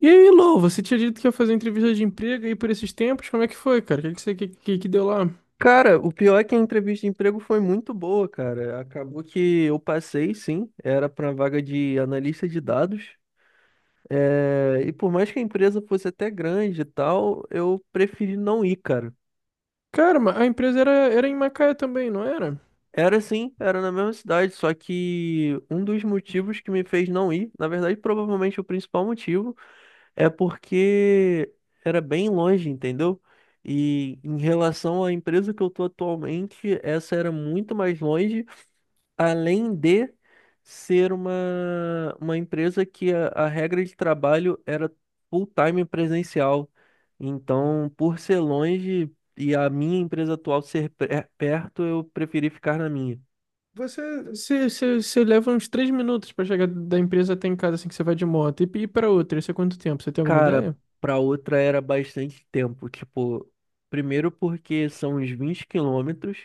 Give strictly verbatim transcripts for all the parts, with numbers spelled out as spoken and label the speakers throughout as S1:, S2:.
S1: E aí, Lou, você tinha dito que ia fazer entrevista de emprego aí por esses tempos? Como é que foi, cara? O que que você que, que, que deu lá?
S2: Cara, o pior é que a entrevista de emprego foi muito boa, cara. Acabou que eu passei, sim, era para vaga de analista de dados. É, e por mais que a empresa fosse até grande e tal, eu preferi não ir, cara.
S1: Cara, ma- a empresa era, era em Macaé também, não era?
S2: Era sim, era na mesma cidade, só que um dos motivos que me fez não ir, na verdade, provavelmente o principal motivo, é porque era bem longe, entendeu? E em relação à empresa que eu tô atualmente, essa era muito mais longe. Além de ser uma, uma empresa que a, a regra de trabalho era full-time presencial. Então, por ser longe e a minha empresa atual ser pe- perto, eu preferi ficar na minha.
S1: Você, você, você, você leva uns três minutos pra chegar da empresa até em casa, assim que você vai de moto. E ir pra outra, isso é quanto tempo? Você tem alguma
S2: Cara,
S1: ideia?
S2: para outra era bastante tempo. Tipo, primeiro porque são uns vinte quilômetros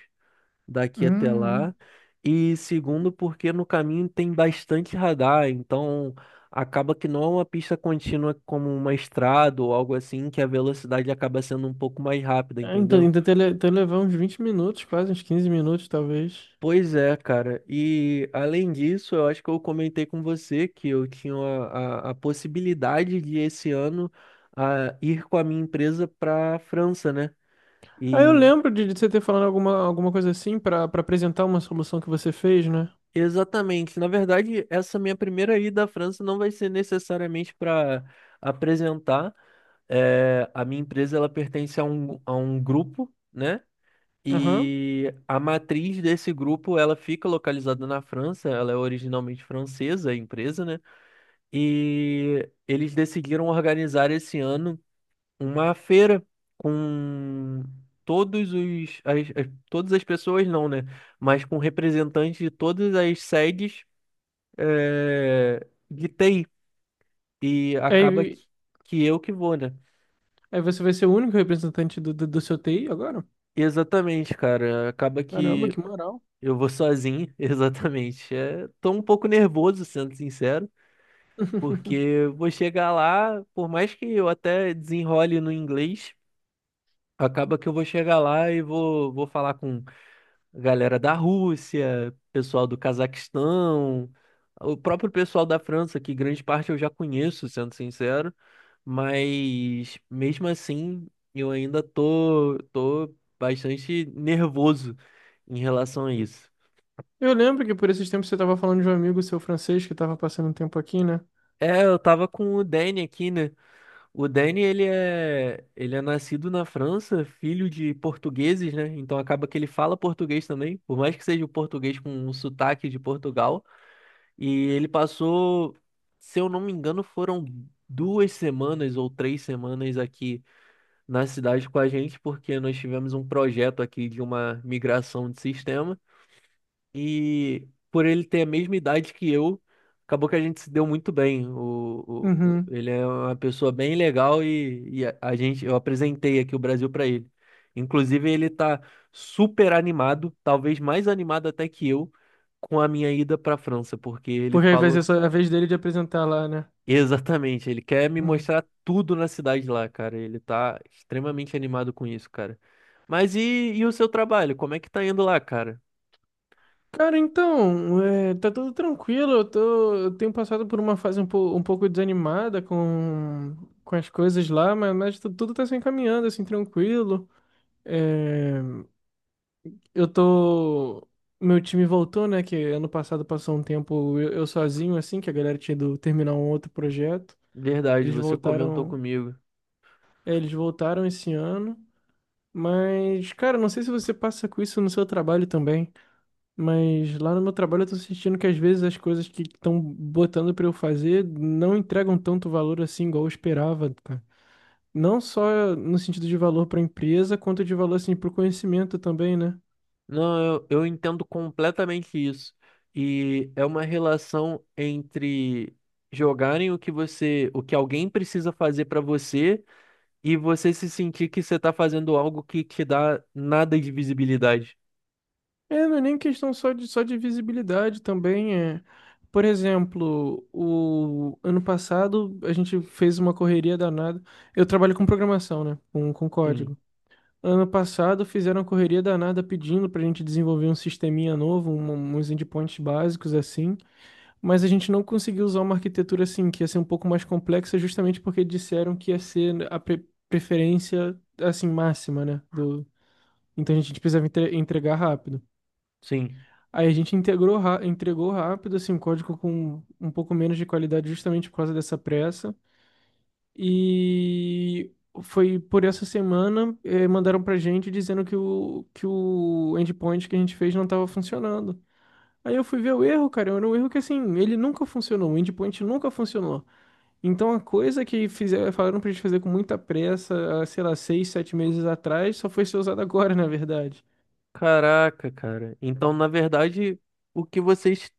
S2: daqui até
S1: Hum.
S2: lá. E segundo, porque no caminho tem bastante radar, então acaba que não é uma pista contínua como uma estrada ou algo assim, que a velocidade acaba sendo um pouco mais rápida,
S1: Ah, então
S2: entendeu?
S1: ainda até, le- até levar uns vinte minutos, quase uns quinze minutos, talvez.
S2: Pois é, cara. E além disso, eu acho que eu comentei com você que eu tinha a, a, a possibilidade de esse ano a, ir com a minha empresa para a França, né?
S1: Ah, eu
S2: E
S1: lembro de, de você ter falado alguma, alguma coisa assim pra para apresentar uma solução que você fez, né?
S2: Exatamente. Na verdade, essa minha primeira ida à França não vai ser necessariamente para apresentar. É, a minha empresa ela pertence a um, a um grupo, né?
S1: Aham.
S2: E a matriz desse grupo ela fica localizada na França. Ela é originalmente francesa, a empresa, né? E eles decidiram organizar esse ano uma feira com todos os as- as- todas as pessoas, não, né? Mas com representantes de todas as sedes, é, gritei, e acaba
S1: Aí.
S2: que, que eu que vou, né?
S1: Aí você vai ser o único representante do, do, do seu T I agora?
S2: Exatamente, cara. Acaba
S1: Caramba,
S2: que
S1: que moral.
S2: eu vou sozinho, exatamente. É, tô um pouco nervoso, sendo sincero, porque eu vou chegar lá, por mais que eu até desenrole no inglês, acaba que eu vou chegar lá e vou, vou falar com a galera da Rússia, pessoal do Cazaquistão, o próprio pessoal da França, que grande parte eu já conheço, sendo sincero. Mas mesmo assim, eu ainda tô, tô bastante nervoso em relação a isso.
S1: Eu lembro que por esses tempos você tava falando de um amigo seu francês que tava passando um tempo aqui, né?
S2: É, eu tava com o Danny aqui, né? O Danny, ele é, ele é nascido na França, filho de portugueses, né? Então acaba que ele fala português também, por mais que seja o português com um sotaque de Portugal. E ele passou, se eu não me engano, foram duas semanas ou três semanas aqui na cidade com a gente, porque nós tivemos um projeto aqui de uma migração de sistema e por ele ter a mesma idade que eu, acabou que a gente se deu muito bem. O, o- o-
S1: Uhum.
S2: ele é uma pessoa bem legal e, e a, a gente, eu apresentei aqui o Brasil para ele. Inclusive, ele tá super animado, talvez mais animado até que eu, com a minha ida para a França. Porque ele
S1: Porque aí vai
S2: falou
S1: ser só a vez dele de apresentar lá, né?
S2: Exatamente, ele quer me
S1: Uhum.
S2: mostrar tudo na cidade lá, cara. Ele tá extremamente animado com isso, cara. Mas e, e o seu trabalho? Como é que tá indo lá, cara?
S1: Cara, então, é, tá tudo tranquilo. Eu tô, eu tenho passado por uma fase um, po- um pouco desanimada com, com as coisas lá, mas, mas tu- tudo tá se encaminhando, assim, tranquilo. É, eu tô. Meu time voltou, né? Que ano passado passou um tempo eu, eu sozinho, assim, que a galera tinha ido terminar um outro projeto.
S2: Verdade,
S1: Eles
S2: você comentou
S1: voltaram.
S2: comigo.
S1: é, Eles voltaram esse ano. Mas, cara, não sei se você passa com isso no seu trabalho também. Mas lá no meu trabalho eu tô sentindo que às vezes as coisas que estão botando pra eu fazer não entregam tanto valor assim, igual eu esperava, cara. Não só no sentido de valor pra empresa, quanto de valor, assim, pro conhecimento também, né?
S2: Não, eu, eu entendo completamente isso. E é uma relação entre jogarem o que você, o que alguém precisa fazer pra você e você se sentir que você tá fazendo algo que te dá nada de visibilidade.
S1: É, não é nem questão só de, só de visibilidade também. É. Por exemplo, o ano passado a gente fez uma correria danada. Eu trabalho com programação, né? Com, com
S2: Sim,
S1: código. Ano passado fizeram uma correria danada pedindo pra gente desenvolver um sisteminha novo, um- uns endpoints básicos assim. Mas a gente não conseguiu usar uma arquitetura assim, que ia ser um pouco mais complexa, justamente porque disseram que ia ser a pre- preferência assim máxima, né? Do. Então a gente precisava entre- entregar rápido.
S2: sim.
S1: Aí a gente integrou, ra- entregou rápido, assim, um código com um pouco menos de qualidade justamente por causa dessa pressa. E foi por essa semana, eh, mandaram pra gente dizendo que o, que o endpoint que a gente fez não estava funcionando. Aí eu fui ver o erro, cara, era um erro que, assim, ele nunca funcionou, o endpoint nunca funcionou. Então a coisa que fizeram, falaram pra gente fazer com muita pressa, há, sei lá, seis, sete meses atrás, só foi ser usada agora, na verdade.
S2: Caraca, cara. Então, na verdade, o que vocês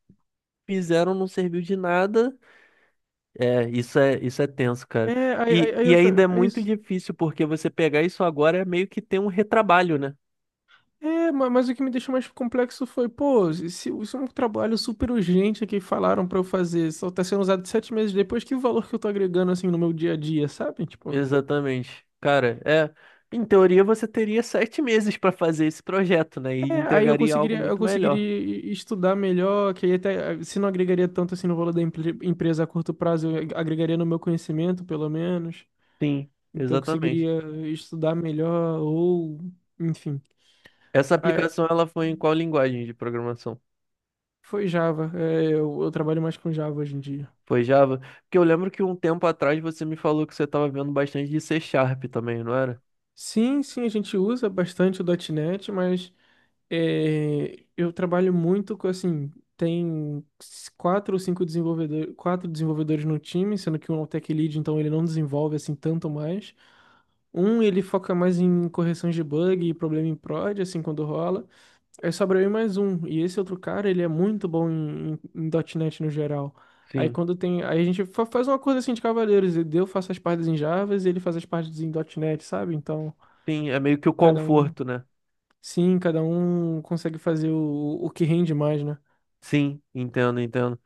S2: fizeram não serviu de nada. É, isso é, isso é tenso, cara.
S1: É, aí, aí,
S2: E,
S1: aí
S2: e
S1: eu
S2: ainda é
S1: falei.
S2: muito difícil, porque você pegar isso agora é meio que ter um retrabalho, né?
S1: É, ma- mas o que me deixou mais complexo foi, pô, isso, isso é um trabalho super urgente que falaram pra eu fazer, só tá sendo usado sete meses depois, que o valor que eu tô agregando, assim, no meu dia a dia, sabe? Tipo.
S2: Exatamente. Cara, é. Em teoria, você teria sete meses para fazer esse projeto, né? E
S1: É, aí eu
S2: entregaria algo
S1: conseguiria, eu
S2: muito melhor.
S1: conseguiria e- estudar melhor, que aí até, se não agregaria tanto, assim, no valor da empre- empresa a curto prazo, eu ag- agregaria no meu conhecimento, pelo menos,
S2: Sim,
S1: então eu
S2: exatamente.
S1: conseguiria estudar melhor, ou, enfim.
S2: Essa
S1: Aí,
S2: aplicação, ela foi em qual linguagem de programação?
S1: foi Java, é, eu eu trabalho mais com Java hoje em dia.
S2: Foi Java? Porque eu lembro que um tempo atrás você me falou que você estava vendo bastante de C Sharp também, não era?
S1: Sim, sim, a gente usa bastante o .ponto .NET, mas é, eu trabalho muito com, assim, tem quatro ou cinco desenvolvedores, quatro desenvolvedores no time, sendo que um é o tech lead, então ele não desenvolve, assim, tanto mais. Um, ele foca mais em correções de bug e problema em prod, assim, quando rola. Aí sobra eu e mais um. E esse outro cara, ele é muito bom em, em, em .ponto .NET no geral. Aí
S2: Sim.
S1: quando tem. Aí a gente fa- faz uma coisa assim de cavaleiros. Eu faço as partes em Java e ele faz as partes em .ponto .NET, sabe? Então.
S2: Sim, é meio que o
S1: Cada um.
S2: conforto, né?
S1: Sim, cada um consegue fazer o, o que rende mais, né?
S2: Sim, entendo, entendo.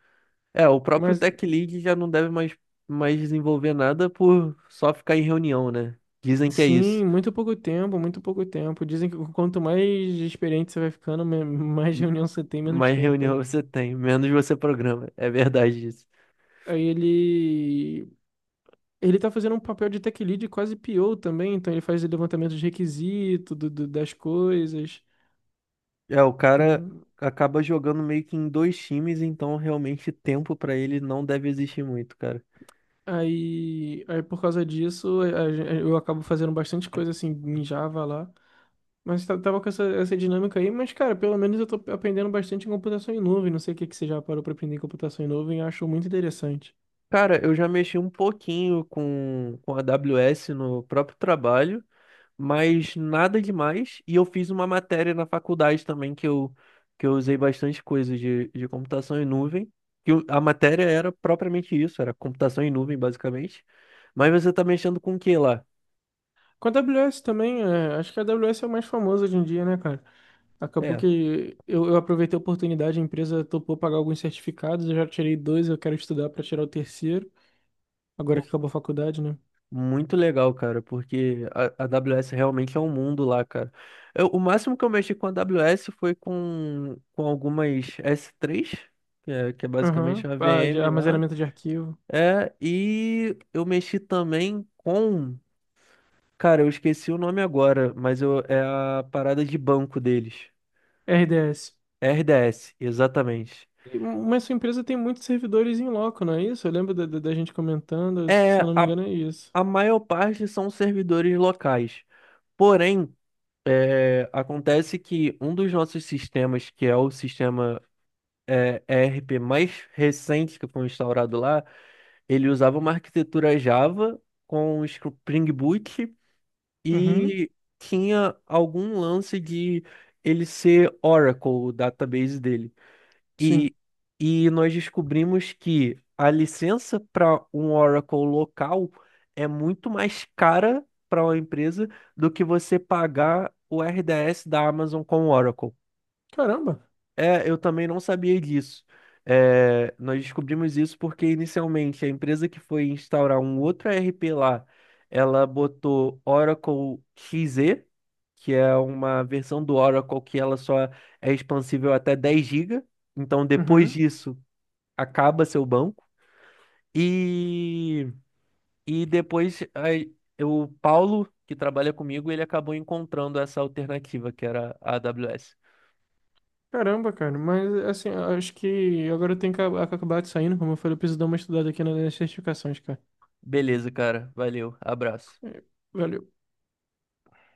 S2: É, o próprio
S1: Mas
S2: Tech Lead já não deve mais, mais desenvolver nada por só ficar em reunião, né? Dizem que é isso.
S1: sim, muito pouco tempo, muito pouco tempo. Dizem que quanto mais experiente você vai ficando, me- mais
S2: M-
S1: reunião você tem, menos
S2: Mais
S1: tempo.
S2: reunião você tem, menos você programa. É verdade isso.
S1: Aí ele. Ele tá fazendo um papel de tech lead quase P O também, então ele faz o levantamento de requisito, do, do- das coisas.
S2: É, o cara
S1: Hum.
S2: acaba jogando meio que em dois times, então realmente tempo pra ele não deve existir muito, cara.
S1: Aí, aí por causa disso, a- a- gen- eu acabo fazendo bastante coisa assim em Java lá. Mas tá- tava com essa, essa dinâmica aí, mas, cara, pelo menos eu tô aprendendo bastante em computação em nuvem. Não sei o que que você já parou pra aprender em computação em nuvem, eu acho muito interessante.
S2: Cara, eu já mexi um pouquinho com, com a AWS no próprio trabalho, mas nada demais. E eu fiz uma matéria na faculdade também que eu, que eu usei bastante coisa de, de computação em nuvem. Que o- a matéria era propriamente isso, era computação em nuvem, basicamente. Mas você tá mexendo com o que lá?
S1: Com a AWS também, é, acho que a AWS é o mais famoso hoje em dia, né, cara? Acabou
S2: É.
S1: que eu, eu aproveitei a oportunidade, a empresa topou pagar alguns certificados, eu já tirei dois, eu quero estudar pra tirar o terceiro, agora que acabou a faculdade, né?
S2: Muito legal, cara, porque a, a AWS realmente é um mundo lá, cara. Eu- o máximo que eu mexi com a AWS foi com, com algumas S três, que é, que é basicamente
S1: Aham.
S2: uma
S1: Ah, de
S2: V M lá.
S1: armazenamento de arquivo.
S2: É, e eu mexi também com. Cara, eu esqueci o nome agora, mas eu, é a parada de banco deles.
S1: R D S.
S2: R D S, exatamente.
S1: E- Mas sua empresa tem muitos servidores em loco, não é isso? Eu lembro da, da da gente comentando,
S2: É,
S1: se eu não me
S2: a,
S1: engano, é isso.
S2: a maior parte são servidores locais. Porém. É, acontece que um dos nossos sistemas, que é o sistema é, E R P mais recente que foi instaurado lá, ele usava uma arquitetura Java com Spring Boot
S1: Uhum.
S2: e tinha algum lance de ele ser Oracle, o database dele.
S1: Sim.
S2: E, e nós descobrimos que a licença para um Oracle local é muito mais cara para uma empresa do que você pagar o R D S da Amazon com o Oracle.
S1: Caramba.
S2: É, eu também não sabia disso. É, nós descobrimos isso porque inicialmente a empresa que foi instaurar um outro E R P lá, ela botou Oracle X E, que é uma versão do Oracle que ela só é expansível até dez gigabytes. Então, depois
S1: Uhum.
S2: disso, acaba seu banco. E, e depois aí, o Paulo, que trabalha comigo, ele acabou encontrando essa alternativa que era a AWS.
S1: Caramba, cara. Mas, assim, acho que agora eu tenho que ac- acabar de saindo. Como eu falei, eu preciso dar uma estudada aqui nas certificações, cara.
S2: Beleza, cara. Valeu. Abraço.
S1: É, valeu.